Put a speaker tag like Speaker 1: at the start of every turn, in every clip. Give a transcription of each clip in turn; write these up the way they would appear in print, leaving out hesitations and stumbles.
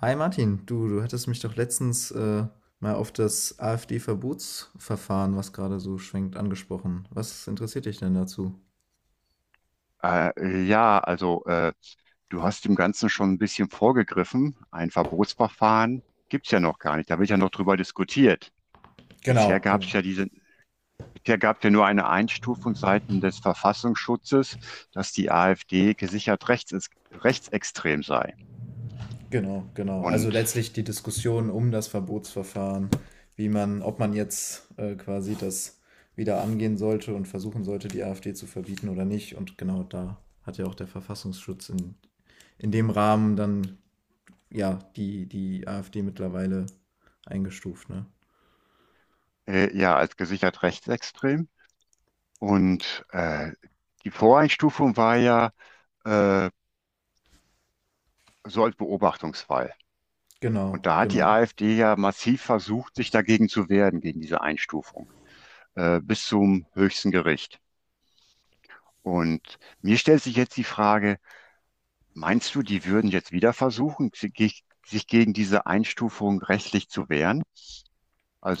Speaker 1: Hi Martin, du hattest mich doch letztens mal auf das AfD-Verbotsverfahren, was gerade so schwenkt, angesprochen. Was interessiert dich denn dazu?
Speaker 2: Äh, ja, also äh, Du hast dem Ganzen schon ein bisschen vorgegriffen. Ein Verbotsverfahren gibt's ja noch gar nicht. Da wird ja noch drüber diskutiert. Bisher
Speaker 1: Genau,
Speaker 2: gab's
Speaker 1: genau,
Speaker 2: ja diese, Bisher gab's ja nur eine Einstufung seitens des Verfassungsschutzes, dass die AfD gesichert rechts, rechtsextrem sei.
Speaker 1: genau. Also
Speaker 2: Und
Speaker 1: letztlich die Diskussion um das Verbotsverfahren, ob man jetzt quasi das wieder angehen sollte und versuchen sollte, die AfD zu verbieten oder nicht. Und genau da hat ja auch der Verfassungsschutz in dem Rahmen dann ja die AfD mittlerweile eingestuft, ne?
Speaker 2: ja, als gesichert rechtsextrem. Und die Voreinstufung war ja äh, so als Beobachtungsfall. Und
Speaker 1: Genau,
Speaker 2: da hat die
Speaker 1: genau.
Speaker 2: AfD ja massiv versucht, sich dagegen zu wehren, gegen diese Einstufung, bis zum höchsten Gericht. Und mir stellt sich jetzt die Frage, meinst du, die würden jetzt wieder versuchen, sich gegen diese Einstufung rechtlich zu wehren?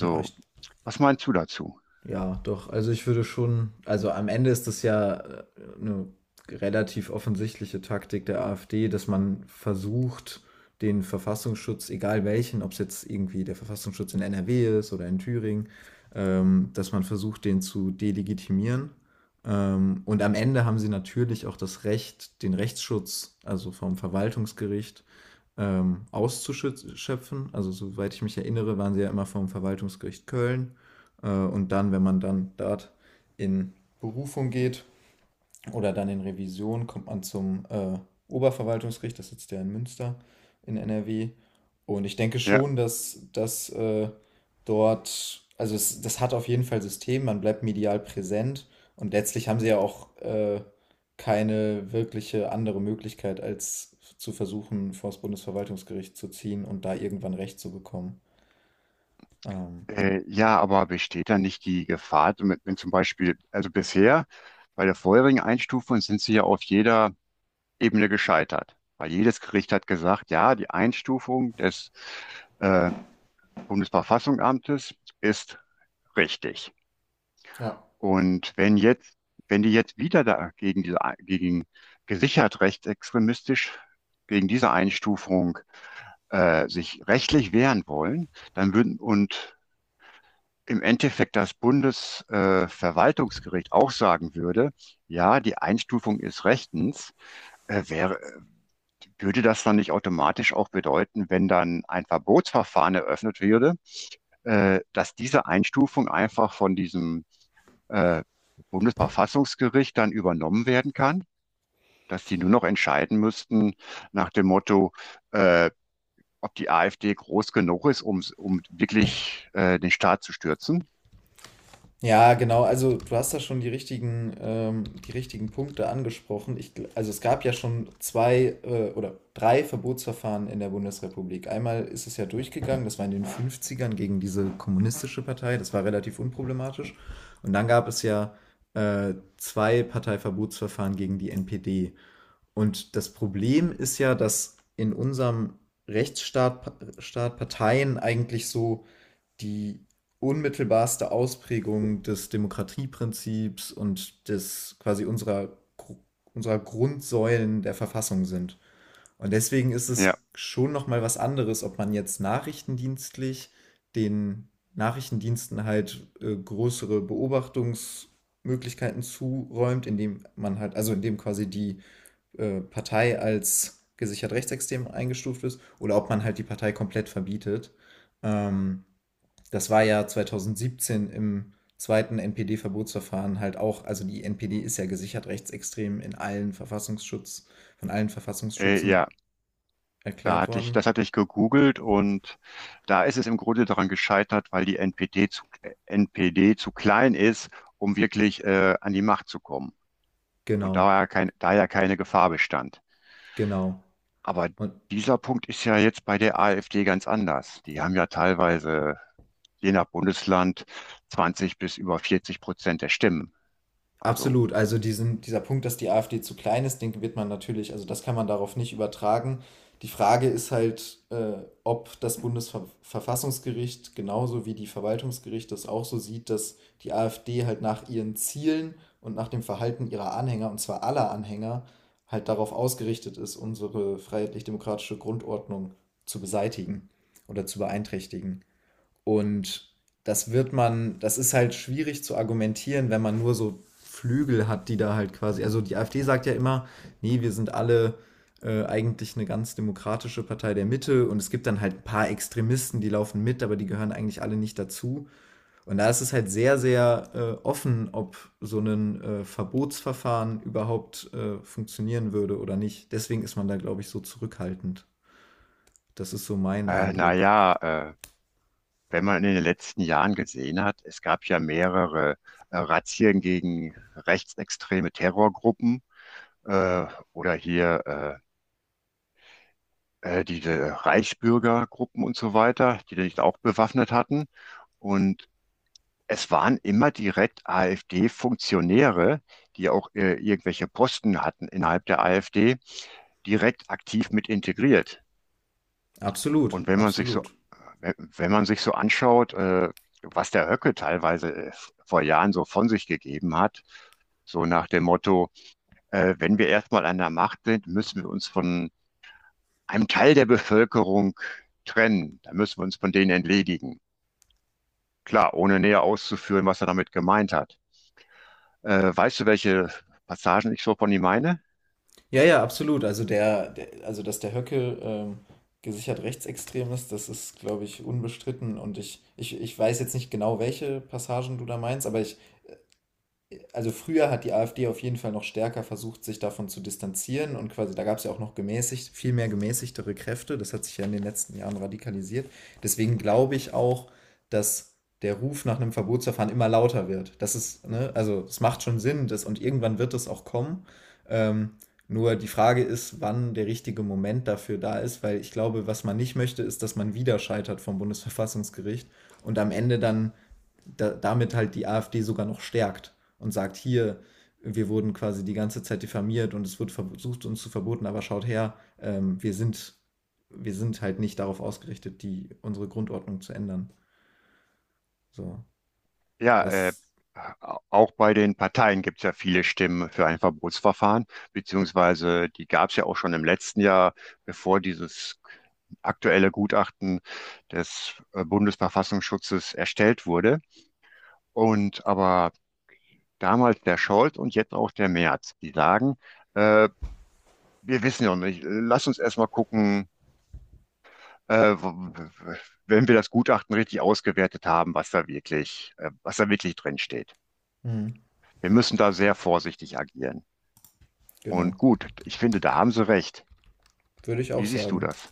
Speaker 1: Ja, ich,
Speaker 2: was meinst du dazu?
Speaker 1: ja, doch. Also ich würde schon, also am Ende ist das ja eine relativ offensichtliche Taktik der AfD, dass man versucht, den Verfassungsschutz, egal welchen, ob es jetzt irgendwie der Verfassungsschutz in NRW ist oder in Thüringen, dass man versucht, den zu delegitimieren. Und am Ende haben sie natürlich auch das Recht, den Rechtsschutz, also vom Verwaltungsgericht, auszuschöpfen. Also soweit ich mich erinnere, waren sie ja immer vom Verwaltungsgericht Köln. Und dann, wenn man dann dort in Berufung geht oder dann in Revision, kommt man zum Oberverwaltungsgericht, das sitzt ja in Münster in NRW. Und ich denke
Speaker 2: Ja,
Speaker 1: schon, dass das dort, das hat auf jeden Fall System, man bleibt medial präsent und letztlich haben sie ja auch keine wirkliche andere Möglichkeit, als zu versuchen, vor das Bundesverwaltungsgericht zu ziehen und da irgendwann Recht zu bekommen. Ähm,
Speaker 2: Ja, aber besteht da nicht die Gefahr, wenn zum Beispiel, also bisher bei der vorherigen Einstufung sind sie ja auf jeder Ebene gescheitert, weil jedes Gericht hat gesagt, ja, die Einstufung des äh, Bundesverfassungsamtes ist richtig.
Speaker 1: ja.
Speaker 2: Und wenn die jetzt wieder da gegen gesichert rechtsextremistisch, gegen diese Einstufung sich rechtlich wehren wollen, dann würden und im Endeffekt das Bundesverwaltungsgericht auch sagen würde, ja, die Einstufung ist rechtens, äh, wäre, würde das dann nicht automatisch auch bedeuten, wenn dann ein Verbotsverfahren eröffnet würde, dass diese Einstufung einfach von diesem äh, Bundesverfassungsgericht dann übernommen werden kann, dass die nur noch entscheiden müssten nach dem Motto, äh, ob die AfD groß genug ist, um wirklich den Staat zu stürzen.
Speaker 1: Ja, genau. Also du hast da schon die richtigen Punkte angesprochen. Also es gab ja schon zwei oder drei Verbotsverfahren in der Bundesrepublik. Einmal ist es ja durchgegangen, das war in den Fünfzigern gegen diese kommunistische Partei, das war relativ unproblematisch. Und dann gab es ja zwei Parteiverbotsverfahren gegen die NPD. Und das Problem ist ja, dass in unserem Staat Parteien eigentlich so die unmittelbarste Ausprägung des Demokratieprinzips und des quasi unserer Grundsäulen der Verfassung sind. Und deswegen ist
Speaker 2: Ja,
Speaker 1: es schon nochmal was anderes, ob man jetzt nachrichtendienstlich den Nachrichtendiensten halt größere Beobachtungsmöglichkeiten zuräumt, indem man halt, also indem quasi die Partei als gesichert rechtsextrem eingestuft ist, oder ob man halt die Partei komplett verbietet. Ähm, das war ja 2017 im zweiten NPD-Verbotsverfahren halt auch, also die NPD ist ja gesichert rechtsextrem in allen Verfassungsschutz, von allen
Speaker 2: äh,
Speaker 1: Verfassungsschützen
Speaker 2: ja, da
Speaker 1: erklärt
Speaker 2: hatte ich,
Speaker 1: worden.
Speaker 2: das hatte ich gegoogelt und da ist es im Grunde daran gescheitert, weil die NPD zu klein ist, um wirklich an die Macht zu kommen. Und
Speaker 1: Genau,
Speaker 2: da ja keine Gefahr bestand.
Speaker 1: genau.
Speaker 2: Aber
Speaker 1: Und
Speaker 2: dieser Punkt ist ja jetzt bei der AfD ganz anders. Die haben ja teilweise, je nach Bundesland, 20 bis über 40% der Stimmen. Also,
Speaker 1: absolut. Also dieser Punkt, dass die AfD zu klein ist, den wird man natürlich, also das kann man darauf nicht übertragen. Die Frage ist halt, ob das Bundesverfassungsgericht genauso wie die Verwaltungsgerichte es auch so sieht, dass die AfD halt nach ihren Zielen und nach dem Verhalten ihrer Anhänger, und zwar aller Anhänger, halt darauf ausgerichtet ist, unsere freiheitlich-demokratische Grundordnung zu beseitigen oder zu beeinträchtigen. Und das wird man, das ist halt schwierig zu argumentieren, wenn man nur so Flügel hat, die da halt quasi, also die AfD sagt ja immer, nee, wir sind alle eigentlich eine ganz demokratische Partei der Mitte und es gibt dann halt ein paar Extremisten, die laufen mit, aber die gehören eigentlich alle nicht dazu. Und da ist es halt sehr, sehr offen, ob so ein Verbotsverfahren überhaupt funktionieren würde oder nicht. Deswegen ist man da, glaube ich, so zurückhaltend. Das ist so mein Eindruck.
Speaker 2: naja, äh, wenn man in den letzten Jahren gesehen hat, es gab ja mehrere Razzien gegen rechtsextreme Terrorgruppen, äh, oder hier diese Reichsbürgergruppen und so weiter, die sich auch bewaffnet hatten. Und es waren immer direkt AfD-Funktionäre, die auch irgendwelche Posten hatten innerhalb der AfD, direkt aktiv mit integriert.
Speaker 1: Absolut,
Speaker 2: Und
Speaker 1: absolut.
Speaker 2: wenn man sich so anschaut, was der Höcke teilweise vor Jahren so von sich gegeben hat, so nach dem Motto, wenn wir erstmal an der Macht sind, müssen wir uns von einem Teil der Bevölkerung trennen. Da müssen wir uns von denen entledigen. Klar, ohne näher auszuführen, was er damit gemeint hat. Weißt du, welche Passagen ich so von ihm meine?
Speaker 1: Ja, ja, absolut. Also der, der also dass der Höcke gesichert rechtsextrem ist, das ist, glaube ich, unbestritten. Und ich weiß jetzt nicht genau, welche Passagen du da meinst, aber ich, also früher hat die AfD auf jeden Fall noch stärker versucht, sich davon zu distanzieren und quasi, da gab es ja auch noch gemäßigt, viel mehr gemäßigtere Kräfte. Das hat sich ja in den letzten Jahren radikalisiert. Deswegen glaube ich auch, dass der Ruf nach einem Verbotsverfahren immer lauter wird. Das ist, ne, also es macht schon Sinn, das, und irgendwann wird es auch kommen. Ähm, nur die Frage ist, wann der richtige Moment dafür da ist, weil ich glaube, was man nicht möchte, ist, dass man wieder scheitert vom Bundesverfassungsgericht und am Ende dann da, damit halt die AfD sogar noch stärkt und sagt, hier, wir wurden quasi die ganze Zeit diffamiert und es wird versucht, uns zu verboten, aber schaut her, wir sind halt nicht darauf ausgerichtet, die, unsere Grundordnung zu ändern. So,
Speaker 2: Ja,
Speaker 1: das,
Speaker 2: auch bei den Parteien gibt es ja viele Stimmen für ein Verbotsverfahren, beziehungsweise die gab es ja auch schon im letzten Jahr, bevor dieses aktuelle Gutachten des Bundesverfassungsschutzes erstellt wurde. Und aber damals der Scholz und jetzt auch der Merz, die sagen, äh, wir wissen ja noch nicht, lass uns erstmal gucken, äh, wenn wir das Gutachten richtig ausgewertet haben, was da wirklich drin steht.
Speaker 1: mh,
Speaker 2: Wir müssen da sehr vorsichtig agieren.
Speaker 1: genau.
Speaker 2: Und gut, ich finde, da haben Sie recht.
Speaker 1: Würde ich auch
Speaker 2: Wie siehst du
Speaker 1: sagen.
Speaker 2: das?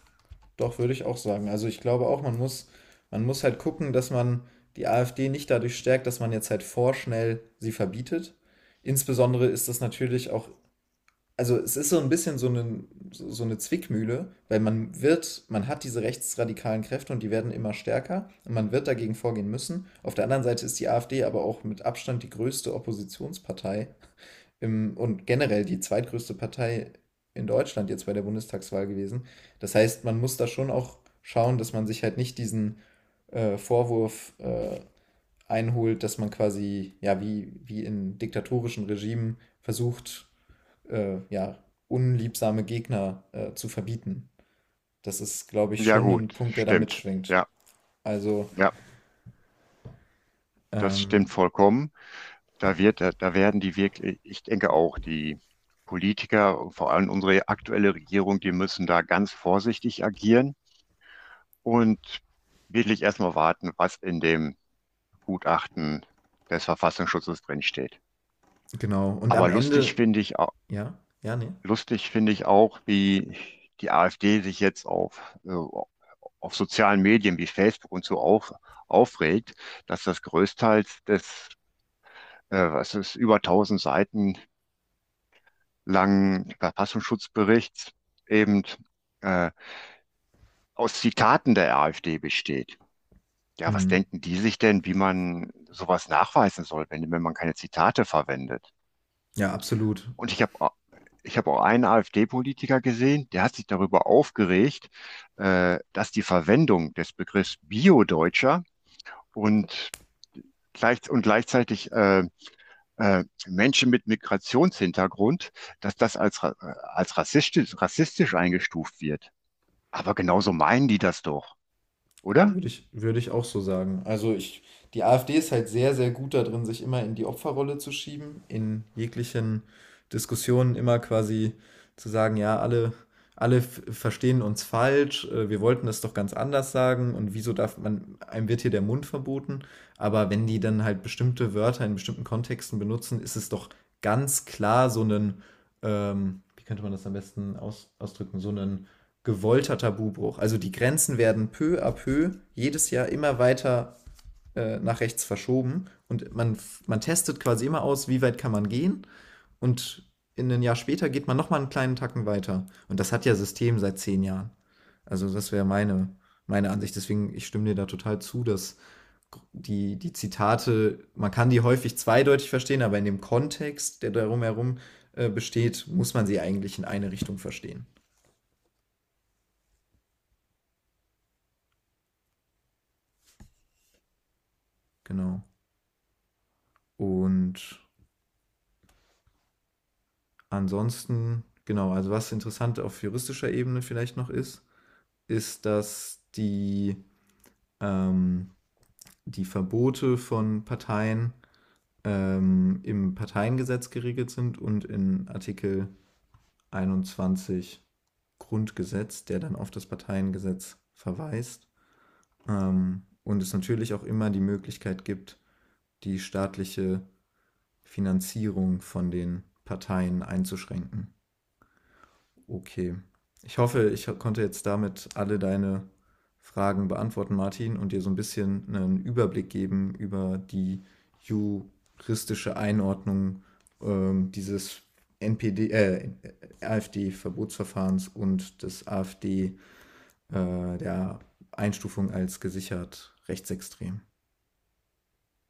Speaker 1: Doch, würde ich auch sagen. Also ich glaube auch, man muss halt gucken, dass man die AfD nicht dadurch stärkt, dass man jetzt halt vorschnell sie verbietet. Insbesondere ist das natürlich auch, also es ist so ein bisschen so eine, so eine Zwickmühle, weil man wird, man hat diese rechtsradikalen Kräfte und die werden immer stärker und man wird dagegen vorgehen müssen. Auf der anderen Seite ist die AfD aber auch mit Abstand die größte Oppositionspartei und generell die zweitgrößte Partei in Deutschland jetzt bei der Bundestagswahl gewesen. Das heißt, man muss da schon auch schauen, dass man sich halt nicht diesen Vorwurf einholt, dass man quasi, ja, wie in diktatorischen Regimen versucht, ja, unliebsame Gegner zu verbieten. Das ist, glaube ich,
Speaker 2: Ja,
Speaker 1: schon ein
Speaker 2: gut,
Speaker 1: Punkt, der da
Speaker 2: stimmt.
Speaker 1: mitschwingt.
Speaker 2: Ja,
Speaker 1: Also,
Speaker 2: ja, das stimmt
Speaker 1: ähm,
Speaker 2: vollkommen. Da werden die wirklich, ich denke auch, die Politiker, und vor allem unsere aktuelle Regierung, die müssen da ganz vorsichtig agieren und wirklich erstmal warten, was in dem Gutachten des Verfassungsschutzes drinsteht.
Speaker 1: genau. Und am
Speaker 2: Aber
Speaker 1: Ende, ja, ja, nee.
Speaker 2: lustig finde ich auch, wie die AfD sich jetzt auf sozialen Medien wie Facebook und so aufregt, dass das größtenteils des, was ist, über tausend Seiten langen Verfassungsschutzberichts eben äh, aus Zitaten der AfD besteht. Ja, was
Speaker 1: Hm.
Speaker 2: denken die sich denn, wie man sowas nachweisen soll, wenn man keine Zitate verwendet?
Speaker 1: Ja, absolut.
Speaker 2: Und ich habe auch einen AfD-Politiker gesehen, der hat sich darüber aufgeregt, dass die Verwendung des Begriffs Bio-Deutscher und, und gleichzeitig Menschen mit Migrationshintergrund, dass das als, als rassistisch eingestuft wird. Aber genauso meinen die das doch, oder?
Speaker 1: Würde ich auch so sagen. Also ich, die AfD ist halt sehr, sehr gut da drin, sich immer in die Opferrolle zu schieben, in jeglichen Diskussionen immer quasi zu sagen, ja, verstehen uns falsch, wir wollten das doch ganz anders sagen und wieso darf man, einem wird hier der Mund verboten, aber wenn die dann halt bestimmte Wörter in bestimmten Kontexten benutzen, ist es doch ganz klar so einen, wie könnte man das am besten ausdrücken, so einen gewollter Tabubruch. Also die Grenzen werden peu à peu jedes Jahr immer weiter nach rechts verschoben und man testet quasi immer aus, wie weit kann man gehen und in ein Jahr später geht man nochmal einen kleinen Tacken weiter. Und das hat ja System seit 10 Jahren. Also das wäre meine, meine Ansicht. Deswegen, ich stimme dir da total zu, dass die Zitate, man kann die häufig zweideutig verstehen, aber in dem Kontext, der darum herum besteht, muss man sie eigentlich in eine Richtung verstehen. Genau. Und ansonsten, genau, also was interessant auf juristischer Ebene vielleicht noch ist, ist, ähm, die Verbote von Parteien im Parteiengesetz geregelt sind und in Artikel 21 Grundgesetz, der dann auf das Parteiengesetz verweist. Und es natürlich auch immer die Möglichkeit gibt, die staatliche Finanzierung von den Parteien einzuschränken. Okay. Ich hoffe, konnte jetzt damit alle deine Fragen beantworten, Martin, und dir so ein bisschen einen Überblick geben über die juristische Einordnung dieses NPD, äh, AfD-Verbotsverfahrens und des der Einstufung als gesichert rechtsextrem.